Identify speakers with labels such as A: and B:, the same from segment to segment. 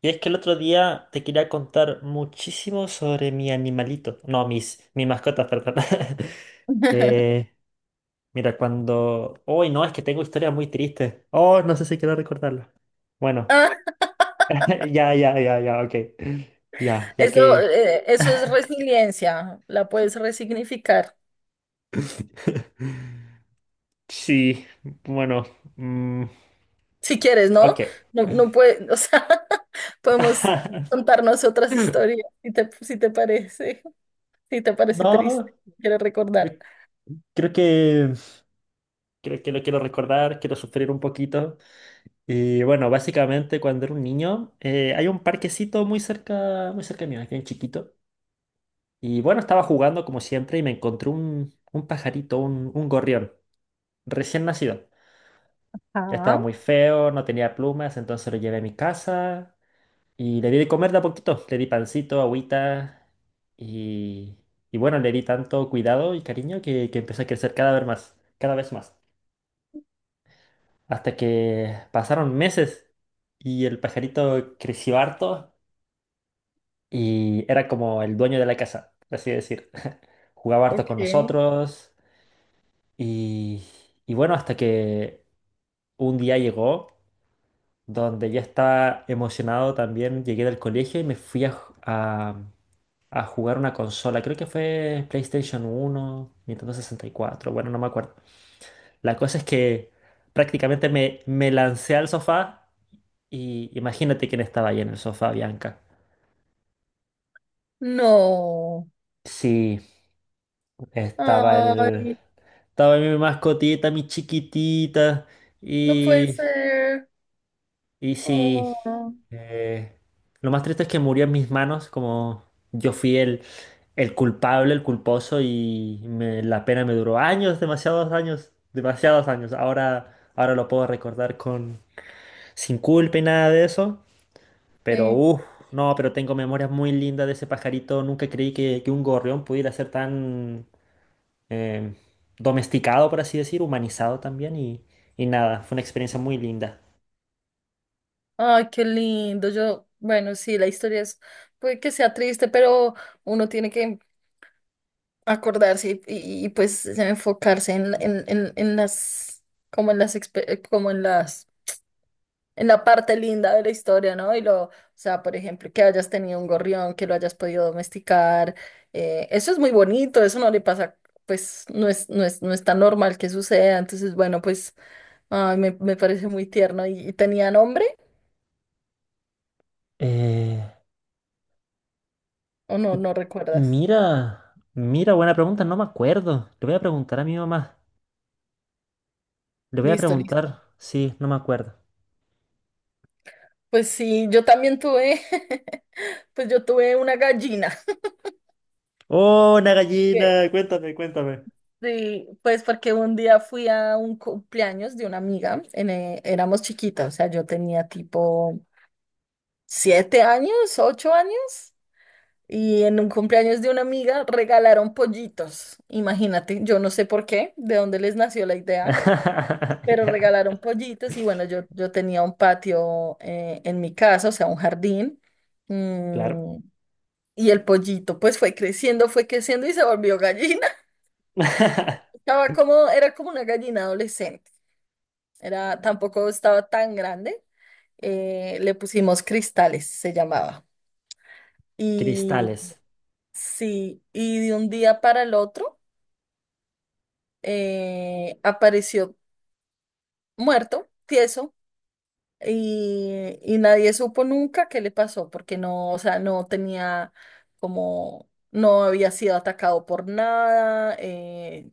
A: Y es que el otro día te quería contar muchísimo sobre mi animalito. No, mis mascotas, perdón. Eh, mira, cuando... Uy, no, es que tengo historias muy tristes. Oh, no sé si quiero recordarlas. Bueno,
B: Ah,
A: ya, ya, ya, ya, ok. Ya, ya
B: eso,
A: que...
B: eh, eso es resiliencia, la puedes resignificar
A: Sí, bueno. Mm,
B: si quieres, ¿no?
A: ok.
B: No, no puede, o sea, podemos contarnos otras historias si te parece, si te parece
A: No,
B: triste, quiero recordar.
A: creo que... Creo que lo quiero recordar, quiero sufrir un poquito. Y bueno, básicamente cuando era un niño, hay un parquecito muy cerca mío, aquí en chiquito. Y bueno, estaba jugando como siempre y me encontré un pajarito, un gorrión, recién nacido. Ya estaba
B: Ah,
A: muy feo, no tenía plumas, entonces lo llevé a mi casa y le di de comer de a poquito. Le di pancito, agüita y, y bueno, le di tanto cuidado y cariño que empezó a crecer cada vez más, cada vez más. Hasta que pasaron meses y el pajarito creció harto. Y era como el dueño de la casa, por así decir. Jugaba harto con
B: ok.
A: nosotros y, y bueno, hasta que un día llegó donde ya estaba emocionado también, llegué del colegio y me fui a jugar una consola, creo que fue PlayStation 1, Nintendo 64, bueno, no me acuerdo. La cosa es que prácticamente me lancé al sofá y imagínate quién estaba ahí en el sofá, Bianca.
B: No.
A: Sí, estaba el...
B: Ay,
A: Estaba mi mascotita, mi chiquitita.
B: no puede
A: Y,
B: ser.
A: y sí,
B: Oh,
A: eh, lo más triste es que murió en mis manos, como yo fui el culpable, el culposo, y la pena me duró años, demasiados años, demasiados años. Ahora lo puedo recordar con sin culpa y nada de eso. Pero,
B: sí.
A: uff, no, pero tengo memorias muy lindas de ese pajarito. Nunca creí que, un gorrión pudiera ser tan... eh, domesticado, por así decir, humanizado también y nada, fue una experiencia muy linda.
B: Ay, qué lindo. Yo, bueno, sí, la historia es, puede que sea triste, pero uno tiene que acordarse pues enfocarse como en las, expe- como en las, en la parte linda de la historia, ¿no? Y o sea, por ejemplo, que hayas tenido un gorrión, que lo hayas podido domesticar, eso es muy bonito, eso no le pasa, pues no es tan normal que suceda, entonces, bueno, pues, ay, me parece muy tierno. ¿Y tenía nombre
A: Eh,
B: o no recuerdas?
A: mira, mira, buena pregunta, no me acuerdo. Le voy a preguntar a mi mamá, le voy a
B: Listo, listo.
A: preguntar, sí, no me acuerdo.
B: Pues sí, yo también tuve, pues yo tuve una gallina.
A: ¡Oh, una gallina! Cuéntame, cuéntame.
B: Sí, pues porque un día fui a un cumpleaños de una amiga, éramos chiquitas, o sea, yo tenía tipo 7 años, 8 años, y en un cumpleaños de una amiga regalaron pollitos, imagínate, yo no sé por qué, de dónde les nació la idea, pero
A: Ya,
B: regalaron pollitos y bueno, yo tenía un patio en mi casa, o sea, un jardín.
A: claro.
B: mm, y el pollito pues fue creciendo y se volvió gallina. estaba como, era como una gallina adolescente. Era, tampoco estaba tan grande. Le pusimos Cristales, se llamaba. Y
A: Cristales.
B: sí, y de un día para el otro apareció muerto, tieso. Y nadie supo nunca qué le pasó, porque no, o sea, no tenía como, no había sido atacado por nada.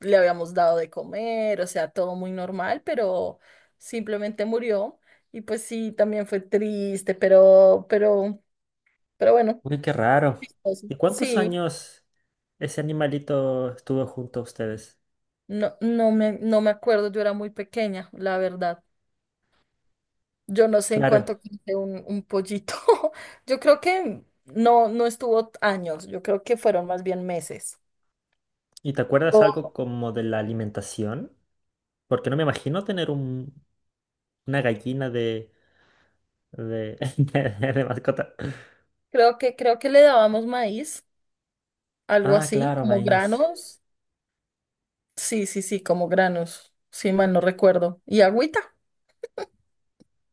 B: Le habíamos dado de comer, o sea, todo muy normal, pero simplemente murió. Y pues sí, también fue triste, pero bueno,
A: Uy, qué raro.
B: chistoso.
A: ¿Y cuántos
B: Sí,
A: años ese animalito estuvo junto a ustedes?
B: no, no me acuerdo, yo era muy pequeña, la verdad. Yo no sé en cuánto
A: Claro.
B: quise un pollito. Yo creo que no estuvo años, yo creo que fueron más bien meses.
A: ¿Y te acuerdas algo
B: O
A: como de la alimentación? Porque no me imagino tener una gallina de, de mascota.
B: creo que le dábamos maíz, algo
A: Ah,
B: así,
A: claro,
B: como
A: maíz.
B: granos. Sí, sí, sí, como granos. Sí, mal no recuerdo. Y agüita.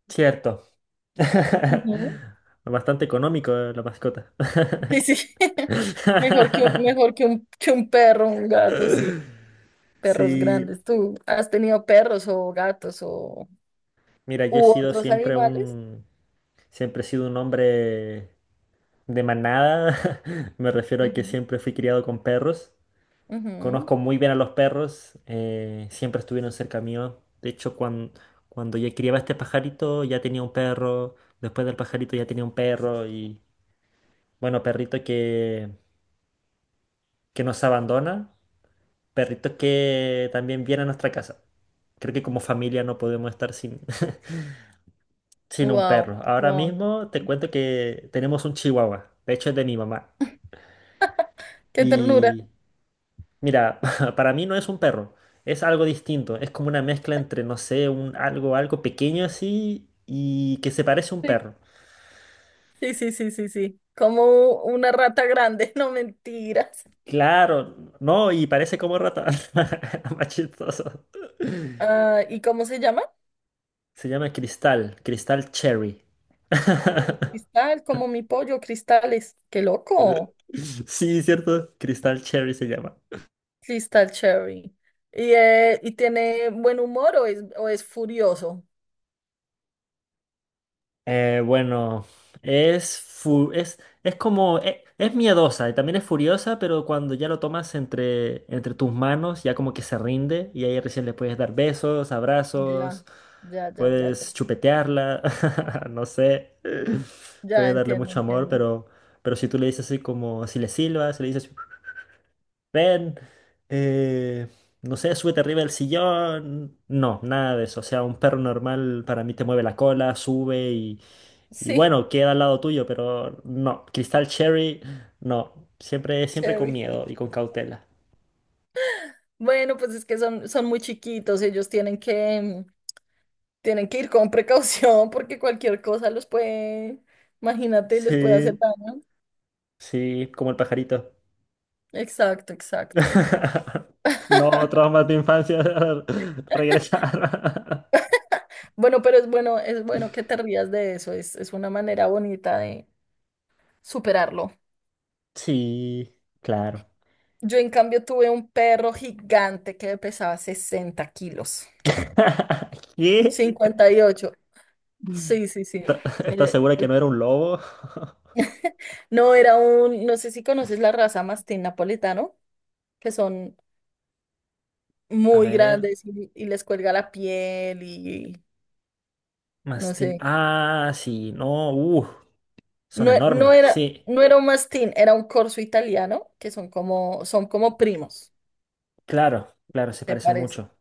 A: Cierto.
B: Ujú.
A: Bastante económico, la mascota.
B: Sí, sí. Mejor que, un- mejor que un, que un perro, un gato, sí. Perros
A: Sí.
B: grandes. ¿Tú has tenido perros o gatos o
A: Mira, yo he
B: u
A: sido
B: otros
A: siempre
B: animales?
A: un... Siempre he sido un hombre de manada. Me refiero a que siempre fui criado con perros. Conozco muy bien a los perros, siempre estuvieron cerca mío. De hecho, cuando ya criaba este pajarito, ya tenía un perro. Después del pajarito ya tenía un perro. Y bueno, perrito que nos abandona, perrito que también viene a nuestra casa. Creo que como familia no podemos estar sin, sin un
B: Wow,
A: perro. Ahora
B: wow.
A: mismo te cuento que tenemos un chihuahua, de hecho es de mi mamá.
B: Qué ternura.
A: Y mira, para mí no es un perro, es algo distinto, es como una mezcla entre, no sé, un algo, algo pequeño así y que se parece a un perro.
B: Sí, sí, sí, sí, sí. Sí. Como una rata grande, no mentiras.
A: Claro, no, y parece como rata, más chistoso.
B: Ah, ¿y cómo se llama?
A: Se llama Cristal, Cristal Cherry.
B: Cristal, como mi pollo, Cristales. Qué loco.
A: Sí, ¿cierto? Cristal Cherry se llama.
B: Cristal Cherry. ¿Y tiene buen humor o es, furioso?
A: Bueno, es, fu- es como, e- es, miedosa y también es furiosa, pero cuando ya lo tomas entre tus manos, ya como que se rinde y ahí recién le puedes dar besos,
B: Ya,
A: abrazos,
B: ya, ya, ya, ya.
A: puedes chupetearla, no sé,
B: Ya
A: puedes darle
B: entiendo,
A: mucho amor,
B: entiendo.
A: pero, si tú le dices así como, si le silbas, si le dices ven, eh, no sé, súbete arriba del sillón. No, nada de eso. O sea, un perro normal para mí te mueve la cola, sube y
B: Sí,
A: bueno, queda al lado tuyo, pero no, Cristal Cherry, no, siempre, siempre con
B: Cherry.
A: miedo y con cautela.
B: Bueno, pues es que son muy chiquitos, ellos tienen que ir con precaución, porque cualquier cosa los puede, imagínate, les puede hacer
A: Sí,
B: daño.
A: sí, como el pajarito.
B: Exacto, exacto.
A: No, traumas de infancia regresar.
B: Bueno, pero es bueno que te rías de eso, es una manera bonita de superarlo.
A: Sí, claro.
B: Yo en cambio tuve un perro gigante que pesaba 60 kilos,
A: ¿Qué?
B: 58. Sí, sí, sí.
A: ¿Estás
B: Eh,
A: segura que
B: eh,
A: no era un lobo?
B: no sé si conoces la raza mastín napolitano, que son
A: A
B: muy
A: ver.
B: grandes y les cuelga la piel y no
A: Mastín.
B: sé.
A: Ah, sí, no, son
B: No, e- no
A: enormes,
B: era,
A: sí,
B: no era un mastín, era un corso italiano, que son como primos,
A: claro, claro, se
B: se
A: parecen
B: parece.
A: mucho.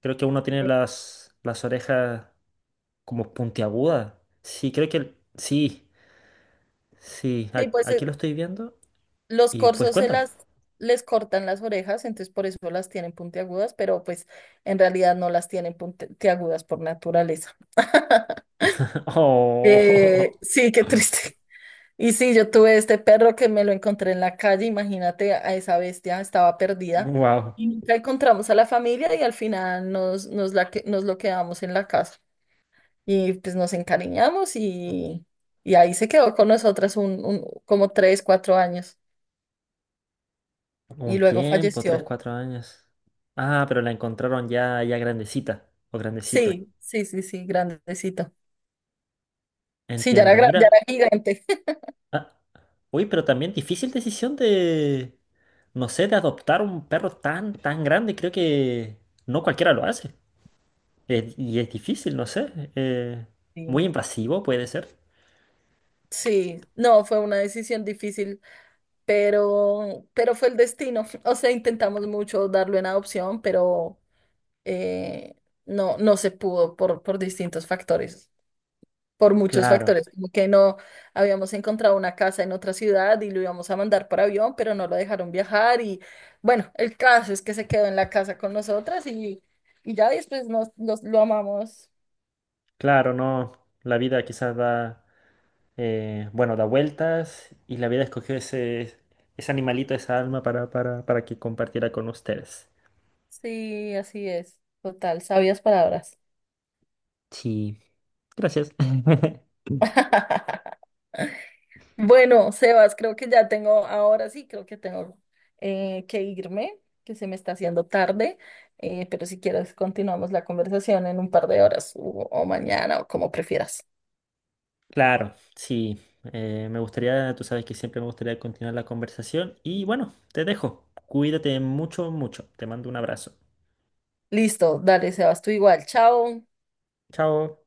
A: Creo que uno tiene las orejas como puntiagudas. Sí, creo que, sí, sí,
B: Sí, pues
A: aquí lo estoy viendo
B: los
A: y pues
B: corzos se
A: cuéntame.
B: las les cortan las orejas, entonces por eso las tienen puntiagudas, pero pues en realidad no las tienen puntiagudas por naturaleza.
A: Oh,
B: Sí, qué triste. Y sí, yo tuve este perro que me lo encontré en la calle, imagínate a esa bestia, estaba perdida.
A: wow,
B: Y nunca encontramos a la familia y al final nos lo quedamos en la casa. Y pues nos encariñamos y ahí se quedó con nosotras como 3, 4 años. Y
A: un
B: luego
A: tiempo, tres,
B: falleció.
A: cuatro años. Ah, pero la encontraron ya, ya grandecita o grandecito.
B: Sí, sí, sí, sí, grandecito. Sí, ya era,
A: Entiendo,
B: gra-
A: mira.
B: ya era gigante.
A: ah, Uy, pero también difícil decisión de, no sé, de adoptar un perro tan, tan grande. Creo que no cualquiera lo hace. Y es difícil, no sé. Muy
B: Sí.
A: invasivo puede ser.
B: Sí, no, fue una decisión difícil, pero fue el destino. O sea, intentamos mucho darlo en adopción, pero eh, no se pudo por distintos factores, por muchos
A: Claro,
B: factores, como que no habíamos encontrado una casa en otra ciudad y lo íbamos a mandar por avión, pero no lo dejaron viajar y bueno, el caso es que se quedó en la casa con nosotras y ya después lo amamos.
A: claro, no. La vida quizás da, bueno, da vueltas y la vida escogió ese animalito, esa alma para, para que compartiera con ustedes.
B: Sí, así es. Total, sabias palabras.
A: Sí, gracias.
B: Bueno, Sebas, creo que ya tengo, ahora sí, creo que tengo que irme, que se me está haciendo tarde. Pero si quieres continuamos la conversación en un par de horas o mañana o como prefieras.
A: Claro, sí. Me gustaría, tú sabes que siempre me gustaría continuar la conversación y bueno, te dejo. Cuídate mucho, mucho. Te mando un abrazo.
B: Listo, dale, Sebas, tú igual, chao.
A: Chao.